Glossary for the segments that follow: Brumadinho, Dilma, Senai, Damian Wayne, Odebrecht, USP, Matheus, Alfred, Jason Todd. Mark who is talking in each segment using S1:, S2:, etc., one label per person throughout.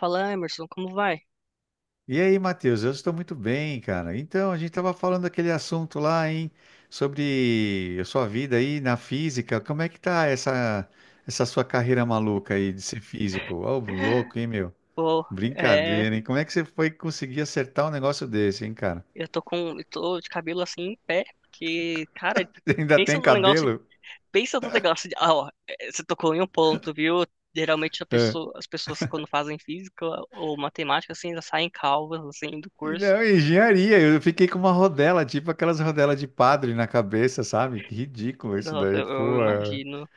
S1: Fala, Emerson, como vai?
S2: E aí, Matheus, eu estou muito bem, cara. Então, a gente estava falando daquele assunto lá, hein, sobre a sua vida aí na física. Como é que tá essa sua carreira maluca aí de ser físico? Ô, louco, hein, meu?
S1: Pô, é,
S2: Brincadeira, hein? Como é que você foi conseguir acertar um negócio desse, hein, cara?
S1: eu tô de cabelo assim em pé, porque, cara,
S2: Ainda
S1: pensa
S2: tem
S1: no negócio,
S2: cabelo?
S1: pensa no negócio de, ah, ó, você tocou em um ponto, viu? Geralmente
S2: É.
S1: as pessoas quando fazem física ou matemática, assim, já saem calvas, assim, do
S2: E
S1: curso.
S2: não, engenharia. Eu fiquei com uma rodela, tipo aquelas rodelas de padre na cabeça, sabe? Que ridículo isso
S1: Nossa,
S2: daí,
S1: eu
S2: pô. É.
S1: imagino.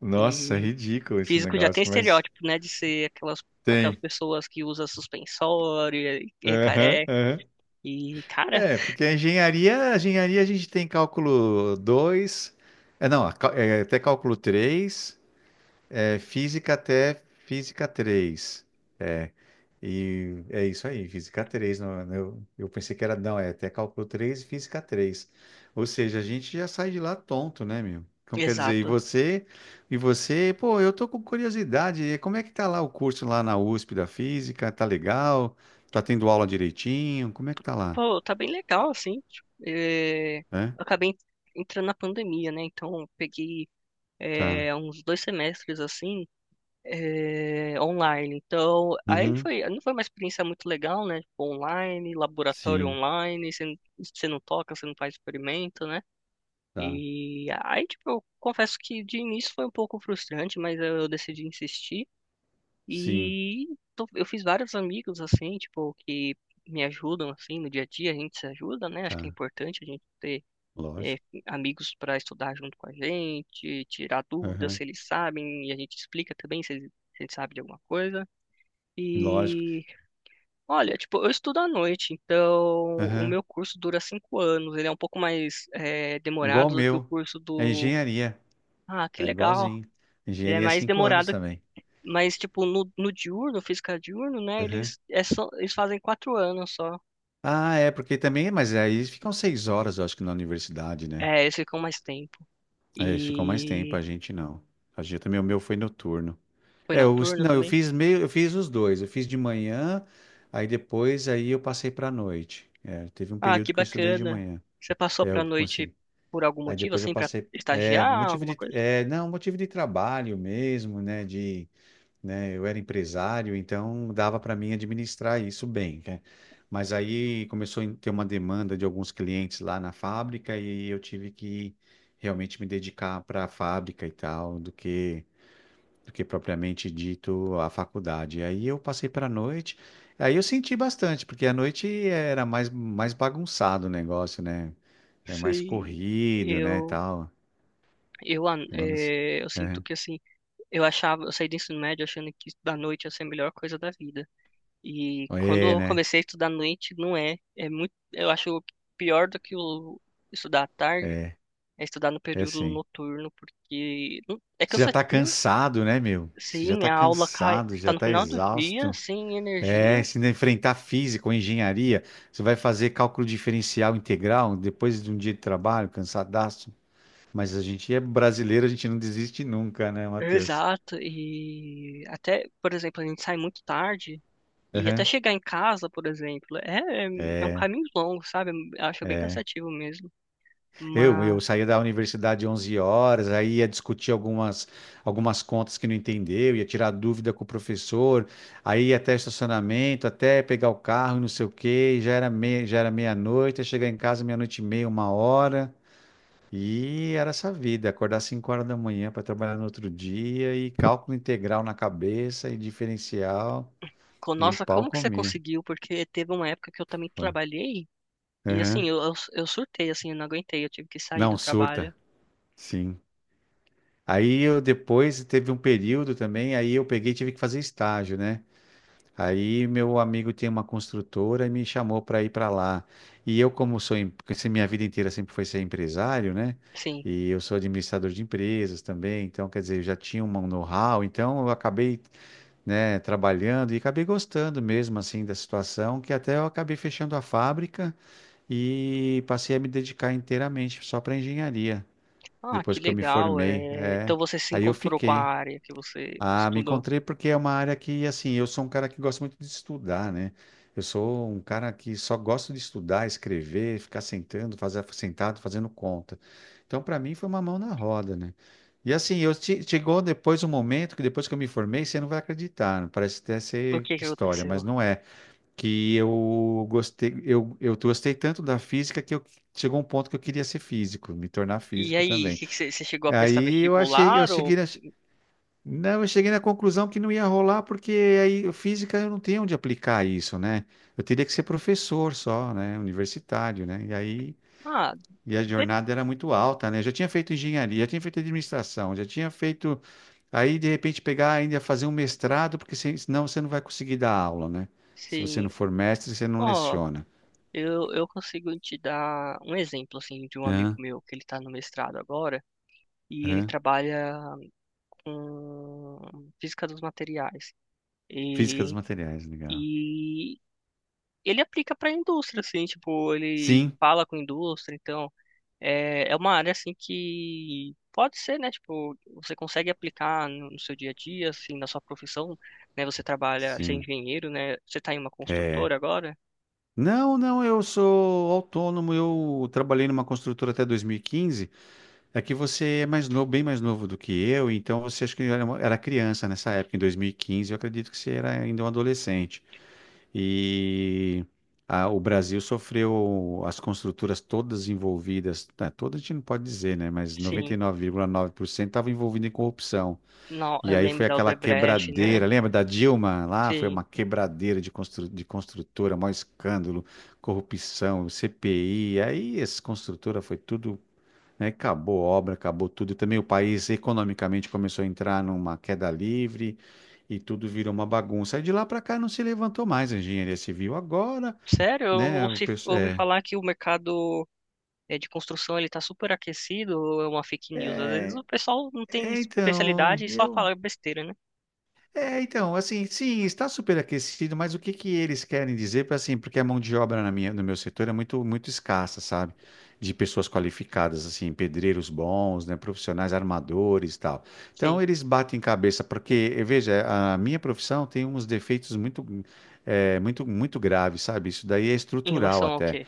S2: Nossa,
S1: E
S2: ridículo esse
S1: físico já tem
S2: negócio, mas
S1: estereótipo, né, de ser aquelas,
S2: tem.
S1: pessoas que usa suspensório e é
S2: Aham,
S1: careca.
S2: aham.
S1: E, cara,
S2: É, porque a engenharia a gente tem cálculo 2, não, até cálculo 3, física até física 3, É, e é isso aí, física 3. Não, não, eu pensei que era, não, é até cálculo 3 e física três. Ou seja, a gente já sai de lá tonto, né, meu? Então, quer dizer, e
S1: exato.
S2: você, e você, pô, eu tô com curiosidade, como é que tá lá o curso lá na USP da física? Tá legal? Tá tendo aula direitinho? Como é que tá lá?
S1: Pô, tá bem legal, assim. Tipo, eu
S2: É?
S1: acabei entrando na pandemia, né? Então, eu peguei
S2: Tá.
S1: uns 2 semestres, assim, online. Então, aí
S2: Uhum.
S1: foi, não foi uma experiência muito legal, né? Tipo, online, laboratório
S2: Sim,
S1: online, você, você não toca, você não faz experimento, né?
S2: tá.
S1: E aí, tipo, eu confesso que de início foi um pouco frustrante, mas eu decidi insistir.
S2: Sim,
S1: E eu fiz vários amigos, assim, tipo, que me ajudam, assim, no dia a dia, a gente se ajuda, né? Acho que é
S2: tá.
S1: importante a gente ter é,
S2: Lógico.
S1: amigos para estudar junto com a gente, tirar dúvidas
S2: Aham.
S1: se eles sabem, e a gente explica também se eles sabem de alguma coisa.
S2: Lógico.
S1: E, olha, tipo, eu estudo à noite, então o
S2: Aham.
S1: meu curso dura 5 anos, ele é um pouco mais
S2: Igual o
S1: demorado do que o
S2: meu.
S1: curso
S2: É
S1: do...
S2: engenharia.
S1: Ah, que
S2: É
S1: legal!
S2: igualzinho.
S1: Ele é
S2: Engenharia é
S1: mais
S2: 5 anos
S1: demorado.
S2: também.
S1: Mas, tipo, no diurno, física diurno, né?
S2: Aham.
S1: Eles, eles fazem 4 anos só.
S2: Ah, é, porque também, mas aí eles ficam 6 horas, eu acho que na universidade, né?
S1: É, eles ficam mais tempo.
S2: É, eles ficam mais tempo,
S1: E
S2: a gente não. A gente também, o meu foi noturno.
S1: foi
S2: É, eu,
S1: noturno
S2: não, eu
S1: também?
S2: fiz meio, eu fiz os dois. Eu fiz de manhã, aí depois aí eu passei pra noite. É, teve um
S1: Ah,
S2: período
S1: que
S2: que eu estudei de
S1: bacana.
S2: manhã.
S1: Você passou
S2: É,
S1: pra
S2: eu
S1: noite
S2: consegui.
S1: por algum
S2: Aí
S1: motivo,
S2: depois eu
S1: assim, pra
S2: passei,
S1: estagiar,
S2: motivo
S1: alguma
S2: de,
S1: coisa?
S2: não, motivo de trabalho mesmo, né, de, né, eu era empresário, então dava para mim administrar isso bem, né? Mas aí começou a ter uma demanda de alguns clientes lá na fábrica e eu tive que realmente me dedicar para a fábrica e tal, do que propriamente dito a faculdade. Aí eu passei para a noite, aí eu senti bastante, porque à noite era mais bagunçado o negócio, né? É mais
S1: Sim.
S2: corrido, né,
S1: Eu,
S2: tal.
S1: eu, ah,
S2: Agora não sei.
S1: é, eu sinto que, assim, eu saí do ensino médio achando que estudar à noite ia ser a melhor coisa da vida. E quando
S2: É, é,
S1: eu
S2: né?
S1: comecei a estudar à noite, não é. É muito, eu acho pior do que o estudar à tarde é estudar no
S2: É
S1: período
S2: assim.
S1: noturno, porque é
S2: Você já tá
S1: cansativo.
S2: cansado, né, meu? Você já
S1: Sim,
S2: tá
S1: a aula cai,
S2: cansado,
S1: está
S2: já
S1: no
S2: tá
S1: final do dia,
S2: exausto.
S1: sem
S2: É,
S1: energia.
S2: se ainda enfrentar física ou engenharia, você vai fazer cálculo diferencial integral depois de um dia de trabalho, cansadaço. Mas a gente é brasileiro, a gente não desiste nunca, né, Matheus?
S1: Exato. E até, por exemplo, a gente sai muito tarde. E até
S2: Aham.
S1: chegar em casa, por exemplo, é um
S2: É,
S1: caminho longo, sabe? Eu acho bem
S2: é.
S1: cansativo mesmo.
S2: Eu,
S1: Mas,
S2: eu saía da universidade 11 horas, aí ia discutir algumas contas que não entendeu, ia tirar dúvida com o professor, aí ia até estacionamento, até pegar o carro, e não sei o quê, já era meia-noite, ia chegar em casa meia-noite e meia, uma hora, e era essa vida, acordar 5 horas da manhã para trabalhar no outro dia, e cálculo integral na cabeça, e diferencial, e o
S1: nossa,
S2: pau
S1: como que você
S2: comia.
S1: conseguiu? Porque teve uma época que eu também
S2: Foi.
S1: trabalhei e, assim,
S2: Aham.
S1: eu surtei, assim, eu não aguentei, eu tive que sair do
S2: Não,
S1: trabalho.
S2: surta, sim. Aí eu depois teve um período também, aí eu peguei e tive que fazer estágio, né? Aí meu amigo tinha uma construtora e me chamou para ir para lá. E eu, como sou, porque se minha vida inteira sempre foi ser empresário, né?
S1: Sim.
S2: E eu sou administrador de empresas também, então quer dizer, eu já tinha um know-how, então eu acabei, né, trabalhando e acabei gostando mesmo assim da situação, que até eu acabei fechando a fábrica e passei a me dedicar inteiramente só para engenharia,
S1: Ah,
S2: depois
S1: que
S2: que eu me
S1: legal.
S2: formei,
S1: É... Então
S2: é.
S1: você se
S2: Aí eu
S1: encontrou com a
S2: fiquei.
S1: área que você
S2: Ah, me
S1: estudou.
S2: encontrei porque é uma área que, assim, eu sou um cara que gosta muito de estudar, né? Eu sou um cara que só gosto de estudar, escrever, ficar sentando, fazer, sentado, fazendo conta. Então, para mim, foi uma mão na roda, né? E assim, chegou depois um momento que depois que eu me formei, você não vai acreditar, parece até
S1: O
S2: ser
S1: que que
S2: história,
S1: aconteceu?
S2: mas não é. Que eu gostei tanto da física que eu, chegou um ponto que eu queria ser físico, me tornar
S1: E
S2: físico
S1: aí,
S2: também.
S1: que você chegou a prestar
S2: Aí eu achei, eu
S1: vestibular ou...
S2: cheguei, não, eu cheguei na conclusão que não ia rolar, porque aí física eu não tenho onde aplicar isso, né? Eu teria que ser professor só, né? Universitário, né? E aí,
S1: Ah,
S2: e a
S1: de-
S2: jornada era muito alta, né? Eu já tinha feito engenharia, já tinha feito administração, já tinha feito. Aí, de repente, pegar ainda fazer um mestrado, porque senão você não vai conseguir dar aula, né? Se você
S1: sim.
S2: não for mestre, você não
S1: Ó,
S2: leciona.
S1: eu consigo te dar um exemplo, assim, de um amigo
S2: Hã?
S1: meu que ele tá no mestrado agora e ele
S2: Hã?
S1: trabalha com física dos materiais.
S2: Física dos
S1: E,
S2: materiais, legal.
S1: e ele aplica pra indústria, assim, tipo, ele
S2: Sim,
S1: fala com indústria, então... É, é uma área assim que pode ser, né? Tipo, você consegue aplicar no seu dia a dia, assim, na sua profissão, né? Você trabalha, você é
S2: sim.
S1: engenheiro, né? Você tá em uma
S2: É.
S1: construtora agora?
S2: Não, não, eu sou autônomo, eu trabalhei numa construtora até 2015. É que você é mais novo, bem mais novo do que eu, então você acho que era, era criança nessa época, em 2015, eu acredito que você era ainda um adolescente. E o Brasil sofreu, as construtoras todas envolvidas, tá, todas a gente não pode dizer, né, mas
S1: Sim.
S2: 99,9% estavam envolvidas em corrupção.
S1: Não,
S2: E
S1: eu
S2: aí
S1: lembro
S2: foi
S1: da
S2: aquela
S1: Odebrecht, né?
S2: quebradeira, lembra da Dilma? Lá foi
S1: Sim.
S2: uma quebradeira de construtora, maior escândalo, corrupção, CPI. Aí essa construtora foi tudo, né? Acabou a obra, acabou tudo. E também o país economicamente começou a entrar numa queda livre e tudo virou uma bagunça. Aí de lá para cá não se levantou mais a engenharia civil. Agora,
S1: Sério, eu
S2: né? O pessoal,
S1: ouvi falar que o mercado de construção ele tá super aquecido, ou é uma fake news. Às vezes
S2: é,
S1: o pessoal não tem
S2: então,
S1: especialidade e só fala besteira, né?
S2: Então, assim, sim, está superaquecido, mas o que que eles querem dizer para assim, porque a mão de obra na minha, no meu setor é muito muito escassa, sabe? De pessoas qualificadas, assim, pedreiros bons, né, profissionais, armadores, e tal. Então
S1: Sim.
S2: eles batem cabeça, porque veja, a minha profissão tem uns defeitos muito muito graves, sabe? Isso daí é
S1: Em
S2: estrutural
S1: relação ao
S2: até.
S1: quê?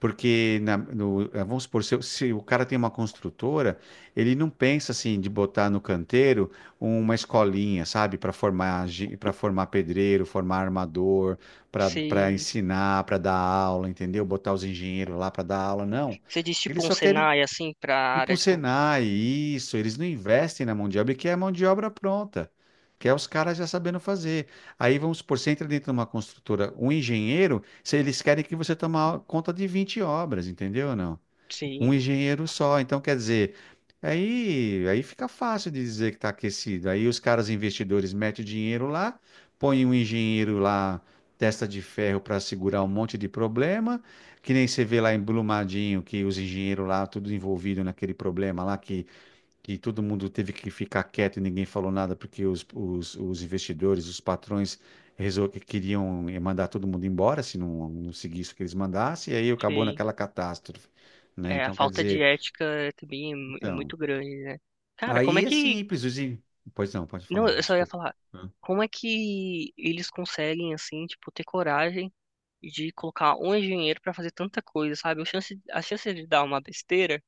S2: Porque, vamos supor, se o cara tem uma construtora, ele não pensa assim de botar no canteiro uma escolinha, sabe, para formar, pedreiro, formar armador, para
S1: Se
S2: ensinar, para dar aula, entendeu? Botar os engenheiros lá para dar aula, não.
S1: você diz
S2: Eles
S1: tipo um
S2: só querem
S1: Senai assim para
S2: tipo
S1: área
S2: um
S1: de
S2: Senai, isso, eles não investem na mão de obra, que é a mão de obra pronta, que é os caras já sabendo fazer. Aí vamos supor, você entra dentro de uma construtora, um engenheiro, se eles querem que você tome conta de 20 obras, entendeu ou não? Um
S1: Sim.
S2: engenheiro só. Então, quer dizer, aí fica fácil de dizer que está aquecido. Aí os caras investidores metem o dinheiro lá, põem um engenheiro lá, testa de ferro para segurar um monte de problema, que nem você vê lá em Brumadinho, que os engenheiros lá, tudo envolvido naquele problema lá, que todo mundo teve que ficar quieto e ninguém falou nada porque os investidores, os patrões que queriam mandar todo mundo embora se não seguisse o que eles mandassem, e aí acabou
S1: Sei.
S2: naquela catástrofe, né?
S1: É, a
S2: Então, quer
S1: falta de
S2: dizer,
S1: ética é também é
S2: então,
S1: muito grande, né? Cara, como é
S2: aí é
S1: que.
S2: simples, pois não, pode
S1: Não,
S2: falar,
S1: eu só ia
S2: desculpa.
S1: falar. Como é que eles conseguem, assim, tipo, ter coragem de colocar um engenheiro pra fazer tanta coisa, sabe? A chance de dar uma besteira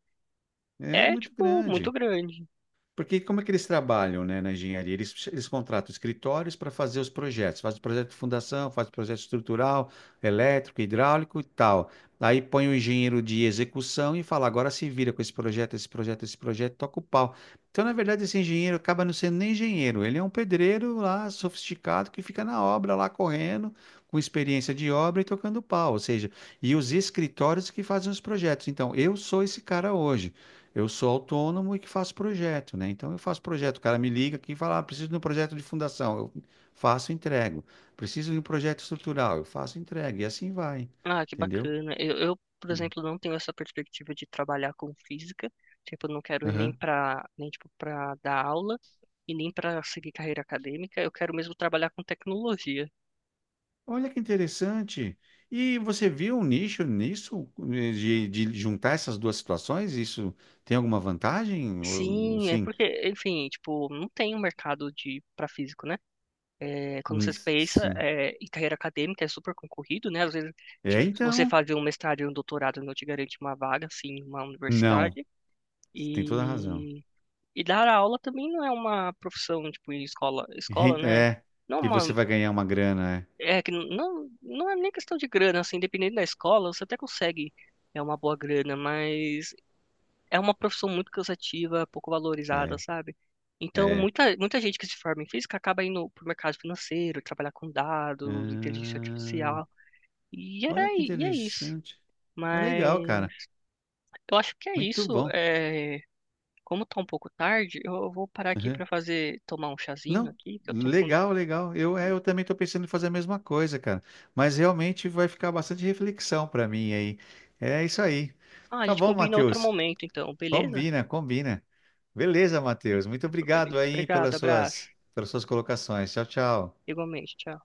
S2: É muito
S1: tipo, muito
S2: grande.
S1: grande.
S2: Porque como é que eles trabalham, né, na engenharia? Eles contratam escritórios para fazer os projetos. Faz o projeto de fundação, faz o projeto estrutural, elétrico, hidráulico e tal. Aí põe o engenheiro de execução e fala, agora se vira com esse projeto, esse projeto, esse projeto, toca o pau. Então, na verdade, esse engenheiro acaba não sendo nem engenheiro. Ele é um pedreiro lá, sofisticado, que fica na obra lá, correndo, com experiência de obra e tocando pau. Ou seja, e os escritórios que fazem os projetos. Então, eu sou esse cara hoje. Eu sou autônomo e que faço projeto, né? Então eu faço projeto. O cara me liga aqui e fala: ah, preciso de um projeto de fundação. Eu faço, e entrego. Preciso de um projeto estrutural. Eu faço, e entrego. E assim vai.
S1: Ah, que
S2: Entendeu?
S1: bacana. Eu, por exemplo, não tenho essa perspectiva de trabalhar com física. Tipo, eu não quero ir
S2: Aham.
S1: nem, tipo, pra dar aula e nem pra seguir carreira acadêmica. Eu quero mesmo trabalhar com tecnologia.
S2: Olha que interessante. E você viu um nicho nisso, de juntar essas duas situações? Isso tem alguma vantagem? Ou,
S1: Sim, é
S2: sim,
S1: porque, enfim, tipo, não tem um mercado de para físico, né? É, quando
S2: Hum,
S1: você pensa
S2: sim.
S1: em carreira acadêmica é super concorrido, né? Às vezes
S2: É,
S1: tipo, você
S2: então?
S1: fazer um mestrado e um doutorado não te garante uma vaga, assim, em uma
S2: Não.
S1: universidade.
S2: Você tem toda a razão.
S1: E, dar aula também não é uma profissão, tipo, em escola, escola, né?
S2: É,
S1: Não é
S2: que
S1: uma,
S2: você vai ganhar uma grana,
S1: é que não, é nem questão de grana, assim, dependendo da escola, você até consegue é uma boa grana, mas é uma profissão muito cansativa, pouco
S2: é.
S1: valorizada,
S2: É.
S1: sabe? Então,
S2: É.
S1: muita, muita gente que se forma em física acaba indo pro mercado financeiro, trabalhar com dados, inteligência
S2: Ah,
S1: artificial, e,
S2: olha que
S1: e é isso.
S2: interessante. Ah, legal,
S1: Mas
S2: cara.
S1: eu acho que é
S2: Muito
S1: isso.
S2: bom.
S1: É, como tá um pouco tarde, eu vou parar aqui
S2: Uhum.
S1: tomar um chazinho
S2: Não,
S1: aqui, que eu tô com...
S2: legal, legal. Eu também estou pensando em fazer a mesma coisa, cara. Mas realmente vai ficar bastante reflexão para mim aí. É isso aí.
S1: Ah, a
S2: Tá
S1: gente
S2: bom,
S1: combina outro
S2: Matheus.
S1: momento, então, beleza?
S2: Combina, combina. Beleza, Matheus. Muito obrigado aí pelas
S1: Obrigado,
S2: suas,
S1: abraço.
S2: pelas suas colocações. Tchau, tchau.
S1: Igualmente, tchau.